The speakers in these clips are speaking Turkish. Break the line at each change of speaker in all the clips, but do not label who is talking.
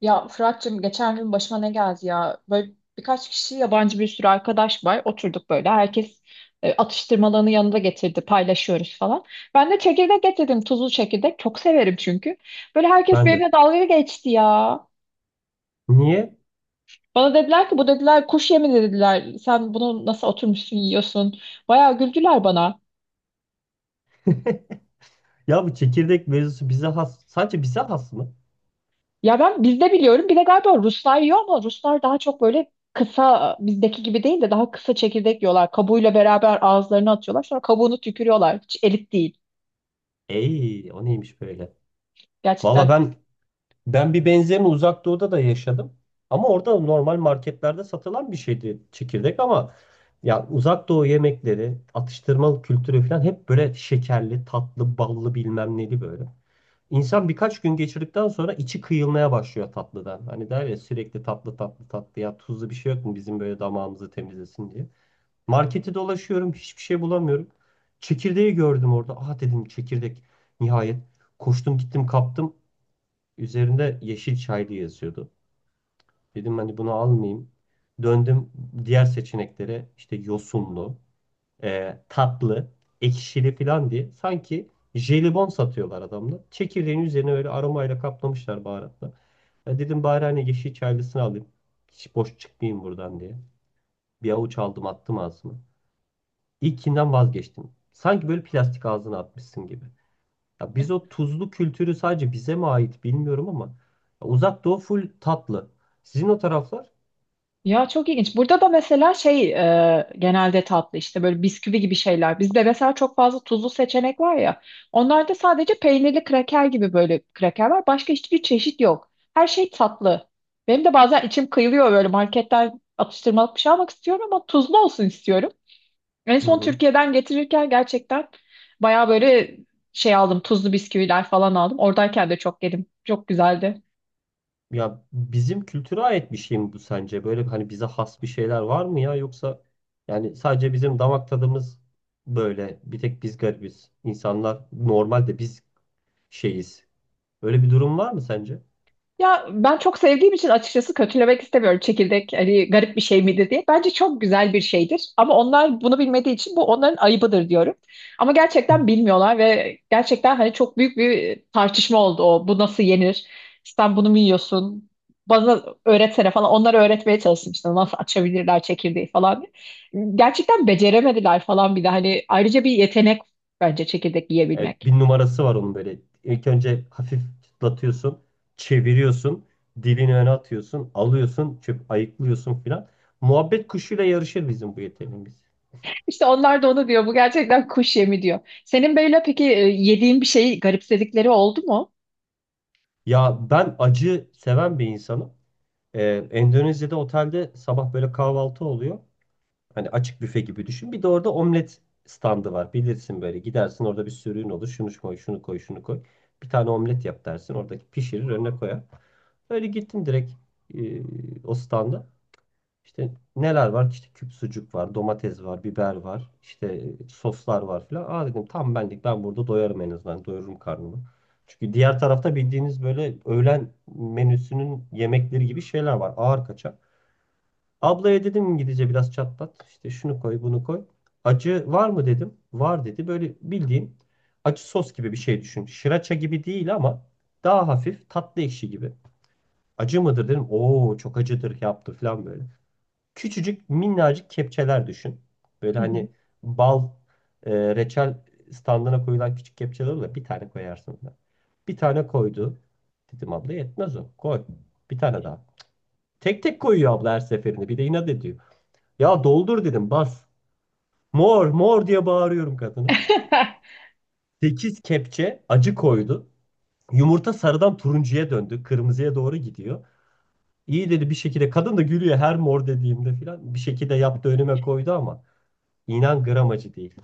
Ya Fırat'cığım geçen gün başıma ne geldi ya? Böyle birkaç kişi yabancı bir sürü arkadaş var. Oturduk böyle. Herkes atıştırmalarını yanında getirdi. Paylaşıyoruz falan. Ben de çekirdek getirdim. Tuzlu çekirdek. Çok severim çünkü. Böyle herkes
Ben de.
benimle dalga geçti ya.
Niye?
Bana dediler ki bu dediler kuş yemi dediler. Sen bunu nasıl oturmuşsun yiyorsun? Bayağı güldüler bana.
Ya bu çekirdek mevzusu bize has. Sadece bize has mı?
Ya ben bizde biliyorum. Bir de galiba Ruslar yiyor ama Ruslar daha çok böyle kısa, bizdeki gibi değil de daha kısa çekirdek yiyorlar. Kabuğuyla beraber ağızlarına atıyorlar. Sonra kabuğunu tükürüyorlar. Hiç elit değil.
Ey, o neymiş böyle? Valla
Gerçekten.
ben bir benzerini Uzak Doğu'da da yaşadım. Ama orada normal marketlerde satılan bir şeydi çekirdek ama ya Uzak Doğu yemekleri, atıştırmalık kültürü falan hep böyle şekerli, tatlı, ballı bilmem neli böyle. İnsan birkaç gün geçirdikten sonra içi kıyılmaya başlıyor tatlıdan. Hani der ya sürekli tatlı tatlı tatlı ya tuzlu bir şey yok mu bizim böyle damağımızı temizlesin diye. Marketi dolaşıyorum hiçbir şey bulamıyorum. Çekirdeği gördüm orada. Aha dedim çekirdek nihayet. Koştum gittim kaptım. Üzerinde yeşil çaylı yazıyordu. Dedim hani bunu almayayım. Döndüm diğer seçeneklere işte yosunlu, tatlı, ekşili falan diye. Sanki jelibon satıyorlar adamlar. Çekirdeğin üzerine öyle aromayla kaplamışlar baharatla. Ya dedim bari hani yeşil çaylısını alayım. Hiç boş çıkmayayım buradan diye. Bir avuç aldım attım ağzıma. İlkinden vazgeçtim. Sanki böyle plastik ağzına atmışsın gibi. Ya biz o tuzlu kültürü sadece bize mi ait bilmiyorum ama ya Uzak Doğu full tatlı. Sizin o taraflar?
Ya çok ilginç. Burada da mesela şey genelde tatlı işte böyle bisküvi gibi şeyler. Bizde mesela çok fazla tuzlu seçenek var ya. Onlarda sadece peynirli kraker gibi böyle kraker var. Başka hiçbir çeşit yok. Her şey tatlı. Benim de bazen içim kıyılıyor, böyle marketten atıştırmalık bir şey almak istiyorum ama tuzlu olsun istiyorum. En
Hı
son
hı.
Türkiye'den getirirken gerçekten bayağı böyle şey aldım. Tuzlu bisküviler falan aldım. Oradayken de çok yedim. Çok güzeldi.
Ya bizim kültüre ait bir şey mi bu sence? Böyle hani bize has bir şeyler var mı ya yoksa yani sadece bizim damak tadımız böyle bir tek biz garibiz. İnsanlar normalde biz şeyiz. Öyle bir durum var mı sence?
Ya ben çok sevdiğim için açıkçası kötülemek istemiyorum çekirdek hani garip bir şey midir diye. Bence çok güzel bir şeydir ama onlar bunu bilmediği için bu onların ayıbıdır diyorum. Ama gerçekten bilmiyorlar ve gerçekten hani çok büyük bir tartışma oldu o. Bu nasıl yenir? Sen bunu mu yiyorsun? Bana öğretsene falan. Onlara öğretmeye çalıştım işte nasıl açabilirler çekirdeği falan diye. Gerçekten beceremediler falan, bir de hani ayrıca bir yetenek bence çekirdek
Evet
yiyebilmek.
bir numarası var onun böyle. İlk önce hafif çıtlatıyorsun, çeviriyorsun, dilini öne atıyorsun, alıyorsun, çöp ayıklıyorsun filan. Muhabbet kuşuyla yarışır bizim bu yeteneğimiz.
İşte onlar da onu diyor. Bu gerçekten kuş yemi diyor. Senin böyle peki yediğin bir şeyi garipsedikleri oldu mu?
Ya ben acı seven bir insanım. Endonezya'da otelde sabah böyle kahvaltı oluyor. Hani açık büfe gibi düşün. Bir de orada omlet standı var. Bilirsin böyle gidersin orada bir sürüğün olur. Şunu koy, şunu koy, şunu koy. Bir tane omlet yap dersin. Oradaki pişirir önüne koyar. Öyle gittim direkt e, o standa. İşte neler var? İşte küp sucuk var, domates var, biber var, işte soslar var filan. Aa dedim tam benlik ben burada doyarım en azından. Doyururum karnımı. Çünkü diğer tarafta bildiğiniz böyle öğlen menüsünün yemekleri gibi şeyler var. Ağır kaçak. Ablaya dedim İngilizce biraz çatlat. İşte şunu koy, bunu koy. Acı var mı dedim. Var dedi. Böyle bildiğin acı sos gibi bir şey düşün. Şıraça gibi değil ama daha hafif tatlı ekşi gibi. Acı mıdır dedim. Oo çok acıdır yaptı falan böyle. Küçücük minnacık kepçeler düşün. Böyle
Hı hı.
hani bal e, reçel standına koyulan küçük kepçeler olur ya, bir tane koyarsın da. Bir tane koydu. Dedim abla yetmez o. Koy. Bir tane daha. Tek tek koyuyor abla her seferinde. Bir de inat ediyor. Ya doldur dedim bas. Mor mor diye bağırıyorum kadına. 8 kepçe acı koydu. Yumurta sarıdan turuncuya döndü. Kırmızıya doğru gidiyor. İyi dedi bir şekilde. Kadın da gülüyor her mor dediğimde filan. Bir şekilde yaptı önüme koydu ama. İnan gram acı değil.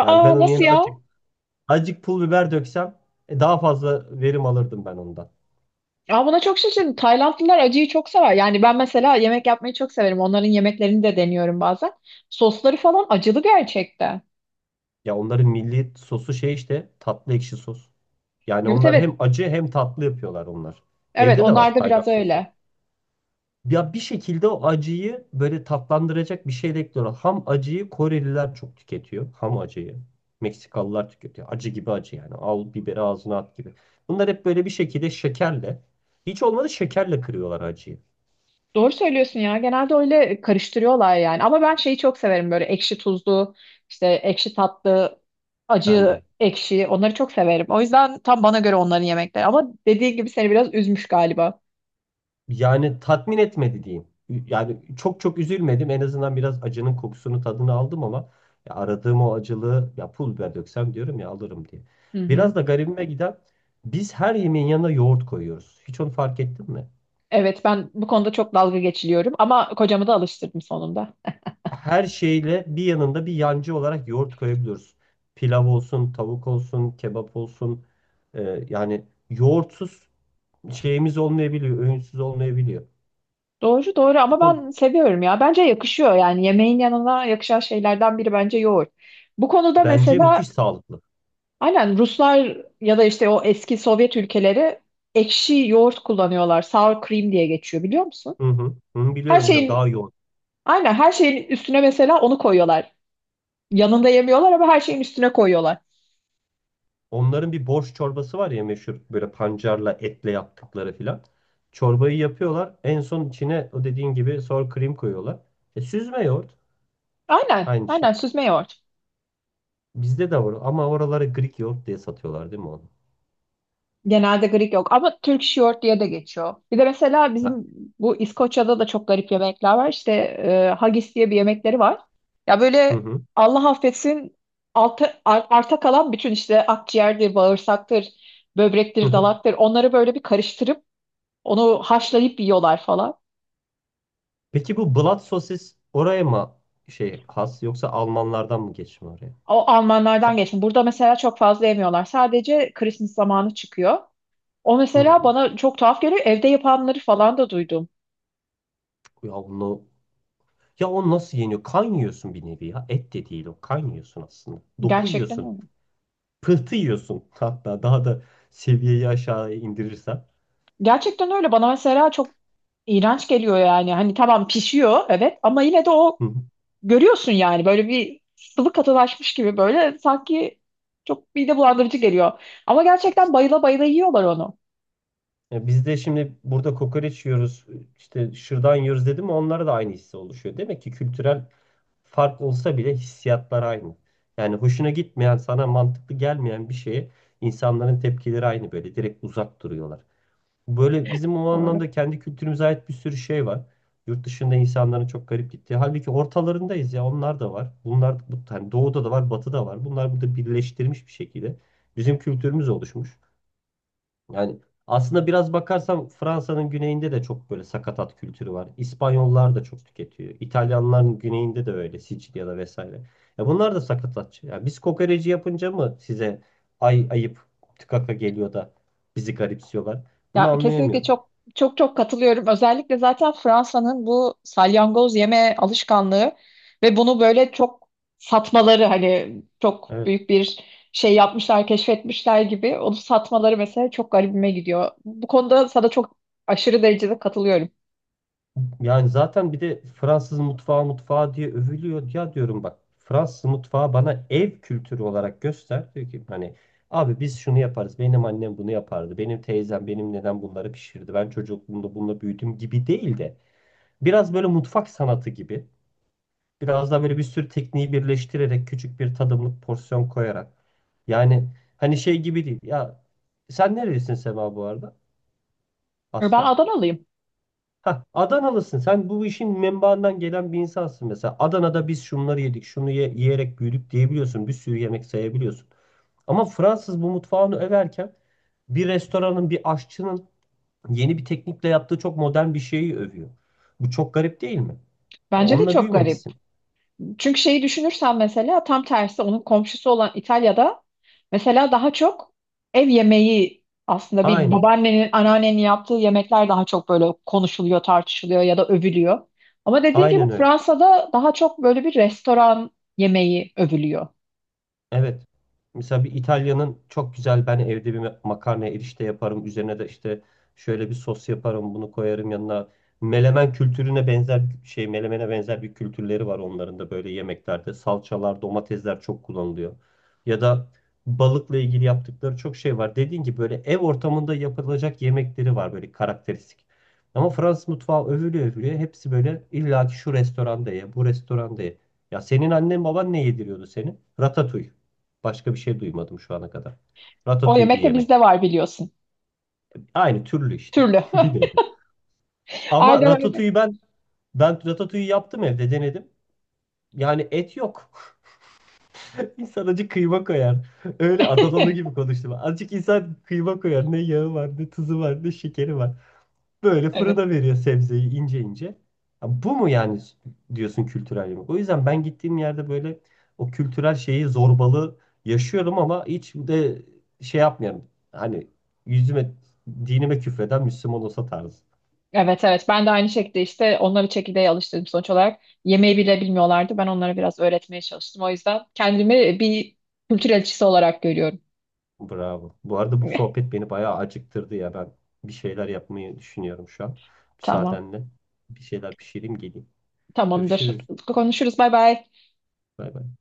Yani ben onun
nasıl
yerine
ya?
azıcık, azıcık pul biber döksem daha fazla verim alırdım ben ondan.
Aa, buna çok şaşırdım. Taylandlılar acıyı çok sever. Yani ben mesela yemek yapmayı çok severim. Onların yemeklerini de deniyorum bazen. Sosları falan acılı gerçekten.
Ya onların milli sosu şey işte tatlı ekşi sos. Yani
Evet,
onlar
evet.
hem acı hem tatlı yapıyorlar onlar.
Evet,
Evde de
onlar
var
da
Tayland
biraz
sosu.
öyle.
Ya bir şekilde o acıyı böyle tatlandıracak bir şey de ekliyorlar. Ham acıyı Koreliler çok tüketiyor. Ham acıyı. Meksikalılar tüketiyor. Acı gibi acı yani. Al biberi ağzına at gibi. Bunlar hep böyle bir şekilde şekerle. Hiç olmadı şekerle kırıyorlar acıyı.
Doğru söylüyorsun ya. Genelde öyle karıştırıyorlar yani. Ama ben şeyi çok severim, böyle ekşi tuzlu, işte ekşi tatlı, acı,
Bende.
ekşi. Onları çok severim. O yüzden tam bana göre onların yemekleri. Ama dediğin gibi seni biraz üzmüş galiba.
Yani tatmin etmedi diyeyim. Yani çok çok üzülmedim. En azından biraz acının kokusunu tadını aldım ama ya aradığım o acılığı ya pul biber döksem diyorum ya alırım diye.
Hı
Biraz
hı.
da garibime giden biz her yemeğin yanına yoğurt koyuyoruz. Hiç onu fark ettin mi?
Evet, ben bu konuda çok dalga geçiliyorum ama kocamı da alıştırdım sonunda.
Her şeyle bir yanında bir yancı olarak yoğurt koyabiliyoruz. Pilav olsun, tavuk olsun, kebap olsun. Yani yoğurtsuz şeyimiz olmayabiliyor, öğünsüz olmayabiliyor.
Doğru doğru,
Bu
ama
konu
ben seviyorum ya. Bence yakışıyor yani, yemeğin yanına yakışan şeylerden biri bence yoğurt. Bu konuda
bence
mesela
müthiş sağlıklı.
aynen Ruslar ya da işte o eski Sovyet ülkeleri ekşi yoğurt kullanıyorlar. Sour cream diye geçiyor, biliyor musun?
Hı hı, hı,
Her
biliyorum
şeyin,
daha yoğun.
aynen her şeyin üstüne mesela onu koyuyorlar. Yanında yemiyorlar ama her şeyin üstüne koyuyorlar.
Onların bir borş çorbası var ya meşhur böyle pancarla etle yaptıkları filan. Çorbayı yapıyorlar. En son içine o dediğin gibi sour cream koyuyorlar. Süzme yoğurt
Aynen
aynı
aynen,
şey.
süzme yoğurt.
Bizde de var ama oraları Greek yoğurt diye satıyorlar değil mi onu?
Genelde Greek yok ama Türk short diye de geçiyor. Bir de mesela
Ha,
bizim bu İskoçya'da da çok garip yemekler var. İşte haggis diye bir yemekleri var. Ya
hı
böyle
hı.
Allah affetsin, arta kalan bütün işte akciğerdir, bağırsaktır,
hı
böbrektir,
hı.
dalaktır. Onları böyle bir karıştırıp onu haşlayıp yiyorlar falan.
Peki bu blood sosis oraya mı şey has yoksa Almanlardan mı geçme oraya?
O Almanlardan
Ka-
geçtim. Burada mesela çok fazla yemiyorlar. Sadece Christmas zamanı çıkıyor. O
hı
mesela
hı.
bana çok tuhaf geliyor. Evde yapanları falan da duydum.
Ya onu ya o nasıl yeniyor? Kan yiyorsun bir nevi ya. Et de değil o. Kan yiyorsun aslında. Doku
Gerçekten
yiyorsun.
öyle.
Pıhtı yiyorsun hatta daha da seviyeyi aşağıya indirirsen.
Gerçekten öyle. Bana mesela çok iğrenç geliyor yani. Hani tamam pişiyor evet ama yine de o
Hı hı.
görüyorsun yani, böyle bir sıvı katılaşmış gibi, böyle sanki çok mide bulandırıcı geliyor. Ama gerçekten
İşte.
bayıla bayıla yiyorlar onu.
Ya biz de şimdi burada kokoreç yiyoruz, işte şırdan yiyoruz dedim mi onlara da aynı hissi oluşuyor. Demek ki kültürel fark olsa bile hissiyatlar aynı. Yani hoşuna gitmeyen, sana mantıklı gelmeyen bir şeye insanların tepkileri aynı böyle direkt uzak duruyorlar. Böyle bizim o
Doğru.
anlamda kendi kültürümüze ait bir sürü şey var. Yurt dışında insanların çok garip gittiği. Halbuki ortalarındayız ya onlar da var. Bunlar bu hani doğuda da var, batıda var. Bunlar burada birleştirmiş bir şekilde bizim kültürümüz oluşmuş. Yani aslında biraz bakarsam Fransa'nın güneyinde de çok böyle sakatat kültürü var. İspanyollar da çok tüketiyor. İtalyanların güneyinde de öyle Sicilya'da vesaire. Ya bunlar da sakatatçı. Ya biz kokoreci yapınca mı size ay ayıp tıkaka geliyor da bizi garipsiyorlar? Bunu
Ya kesinlikle
anlayamıyorum.
çok çok katılıyorum. Özellikle zaten Fransa'nın bu salyangoz yeme alışkanlığı ve bunu böyle çok satmaları, hani çok
Evet.
büyük bir şey yapmışlar, keşfetmişler gibi onu satmaları mesela çok garibime gidiyor. Bu konuda sana çok aşırı derecede katılıyorum.
Yani zaten bir de Fransız mutfağı diye övülüyor. Ya diyorum bak Fransız mutfağı bana ev kültürü olarak göster. Diyor ki hani abi biz şunu yaparız. Benim annem bunu yapardı. Benim teyzem benim neden bunları pişirdi. Ben çocukluğumda bununla büyüdüm gibi değil de biraz böyle mutfak sanatı gibi. Biraz daha böyle bir sürü tekniği birleştirerek küçük bir tadımlık porsiyon koyarak. Yani hani şey gibi değil. Ya sen nerelisin Sema bu arada?
Ben
Aslen.
Adanalıyım.
Ha, Adanalısın. Sen bu işin menbaından gelen bir insansın mesela. Adana'da biz şunları yedik, yiyerek büyüdük diyebiliyorsun. Bir sürü yemek sayabiliyorsun. Ama Fransız bu mutfağını överken bir restoranın, bir aşçının yeni bir teknikle yaptığı çok modern bir şeyi övüyor. Bu çok garip değil mi? Ya
Bence de
onunla
çok garip.
büyümemişsin.
Çünkü şeyi düşünürsen mesela tam tersi, onun komşusu olan İtalya'da mesela daha çok ev yemeği, aslında bir
Aynen.
babaannenin, anneannenin yaptığı yemekler daha çok böyle konuşuluyor, tartışılıyor ya da övülüyor. Ama dediğim gibi
Aynen öyle.
Fransa'da daha çok böyle bir restoran yemeği övülüyor.
Evet. Mesela bir İtalya'nın çok güzel ben evde bir makarna erişte yaparım. Üzerine de işte şöyle bir sos yaparım. Bunu koyarım yanına. Melemen kültürüne benzer şey melemene benzer bir kültürleri var onların da böyle yemeklerde. Salçalar, domatesler çok kullanılıyor. Ya da balıkla ilgili yaptıkları çok şey var. Dediğin gibi böyle ev ortamında yapılacak yemekleri var böyle karakteristik. Ama Fransız mutfağı övülüyor övülüyor. Hepsi böyle illa ki şu restoranda ye, bu restoranda ye. Ya senin annen baban ne yediriyordu seni? Ratatouille. Başka bir şey duymadım şu ana kadar.
O
Ratatouille bir
yemek de bizde
yemek.
var, biliyorsun.
Aynı türlü işte.
Türlü.
Bir nevi. Ama
Aynen öyle.
ratatouille ben ratatouille yaptım evde denedim. Yani et yok. İnsan acık kıyma koyar. Öyle Adanalı gibi konuştum. Azıcık insan kıyma koyar. Ne yağı var, ne tuzu var, ne şekeri var. Böyle
Evet.
fırına veriyor sebzeyi ince ince. Ya bu mu yani diyorsun kültürel yemek? O yüzden ben gittiğim yerde böyle o kültürel şeyi zorbalığı yaşıyorum ama hiç de şey yapmıyorum. Hani yüzüme, dinime küfreden Müslüman olsa tarzı.
Evet evet, ben de aynı şekilde işte onları çekirdeğe alıştırdım sonuç olarak. Yemeği bile bilmiyorlardı. Ben onlara biraz öğretmeye çalıştım. O yüzden kendimi bir kültür elçisi olarak görüyorum.
Bravo. Bu arada bu sohbet beni bayağı acıktırdı ya. Ben bir şeyler yapmayı düşünüyorum şu an.
Tamam.
Müsaadenle bir şeyler pişireyim geleyim.
Tamamdır.
Görüşürüz.
Konuşuruz. Bay bay.
Bay bay.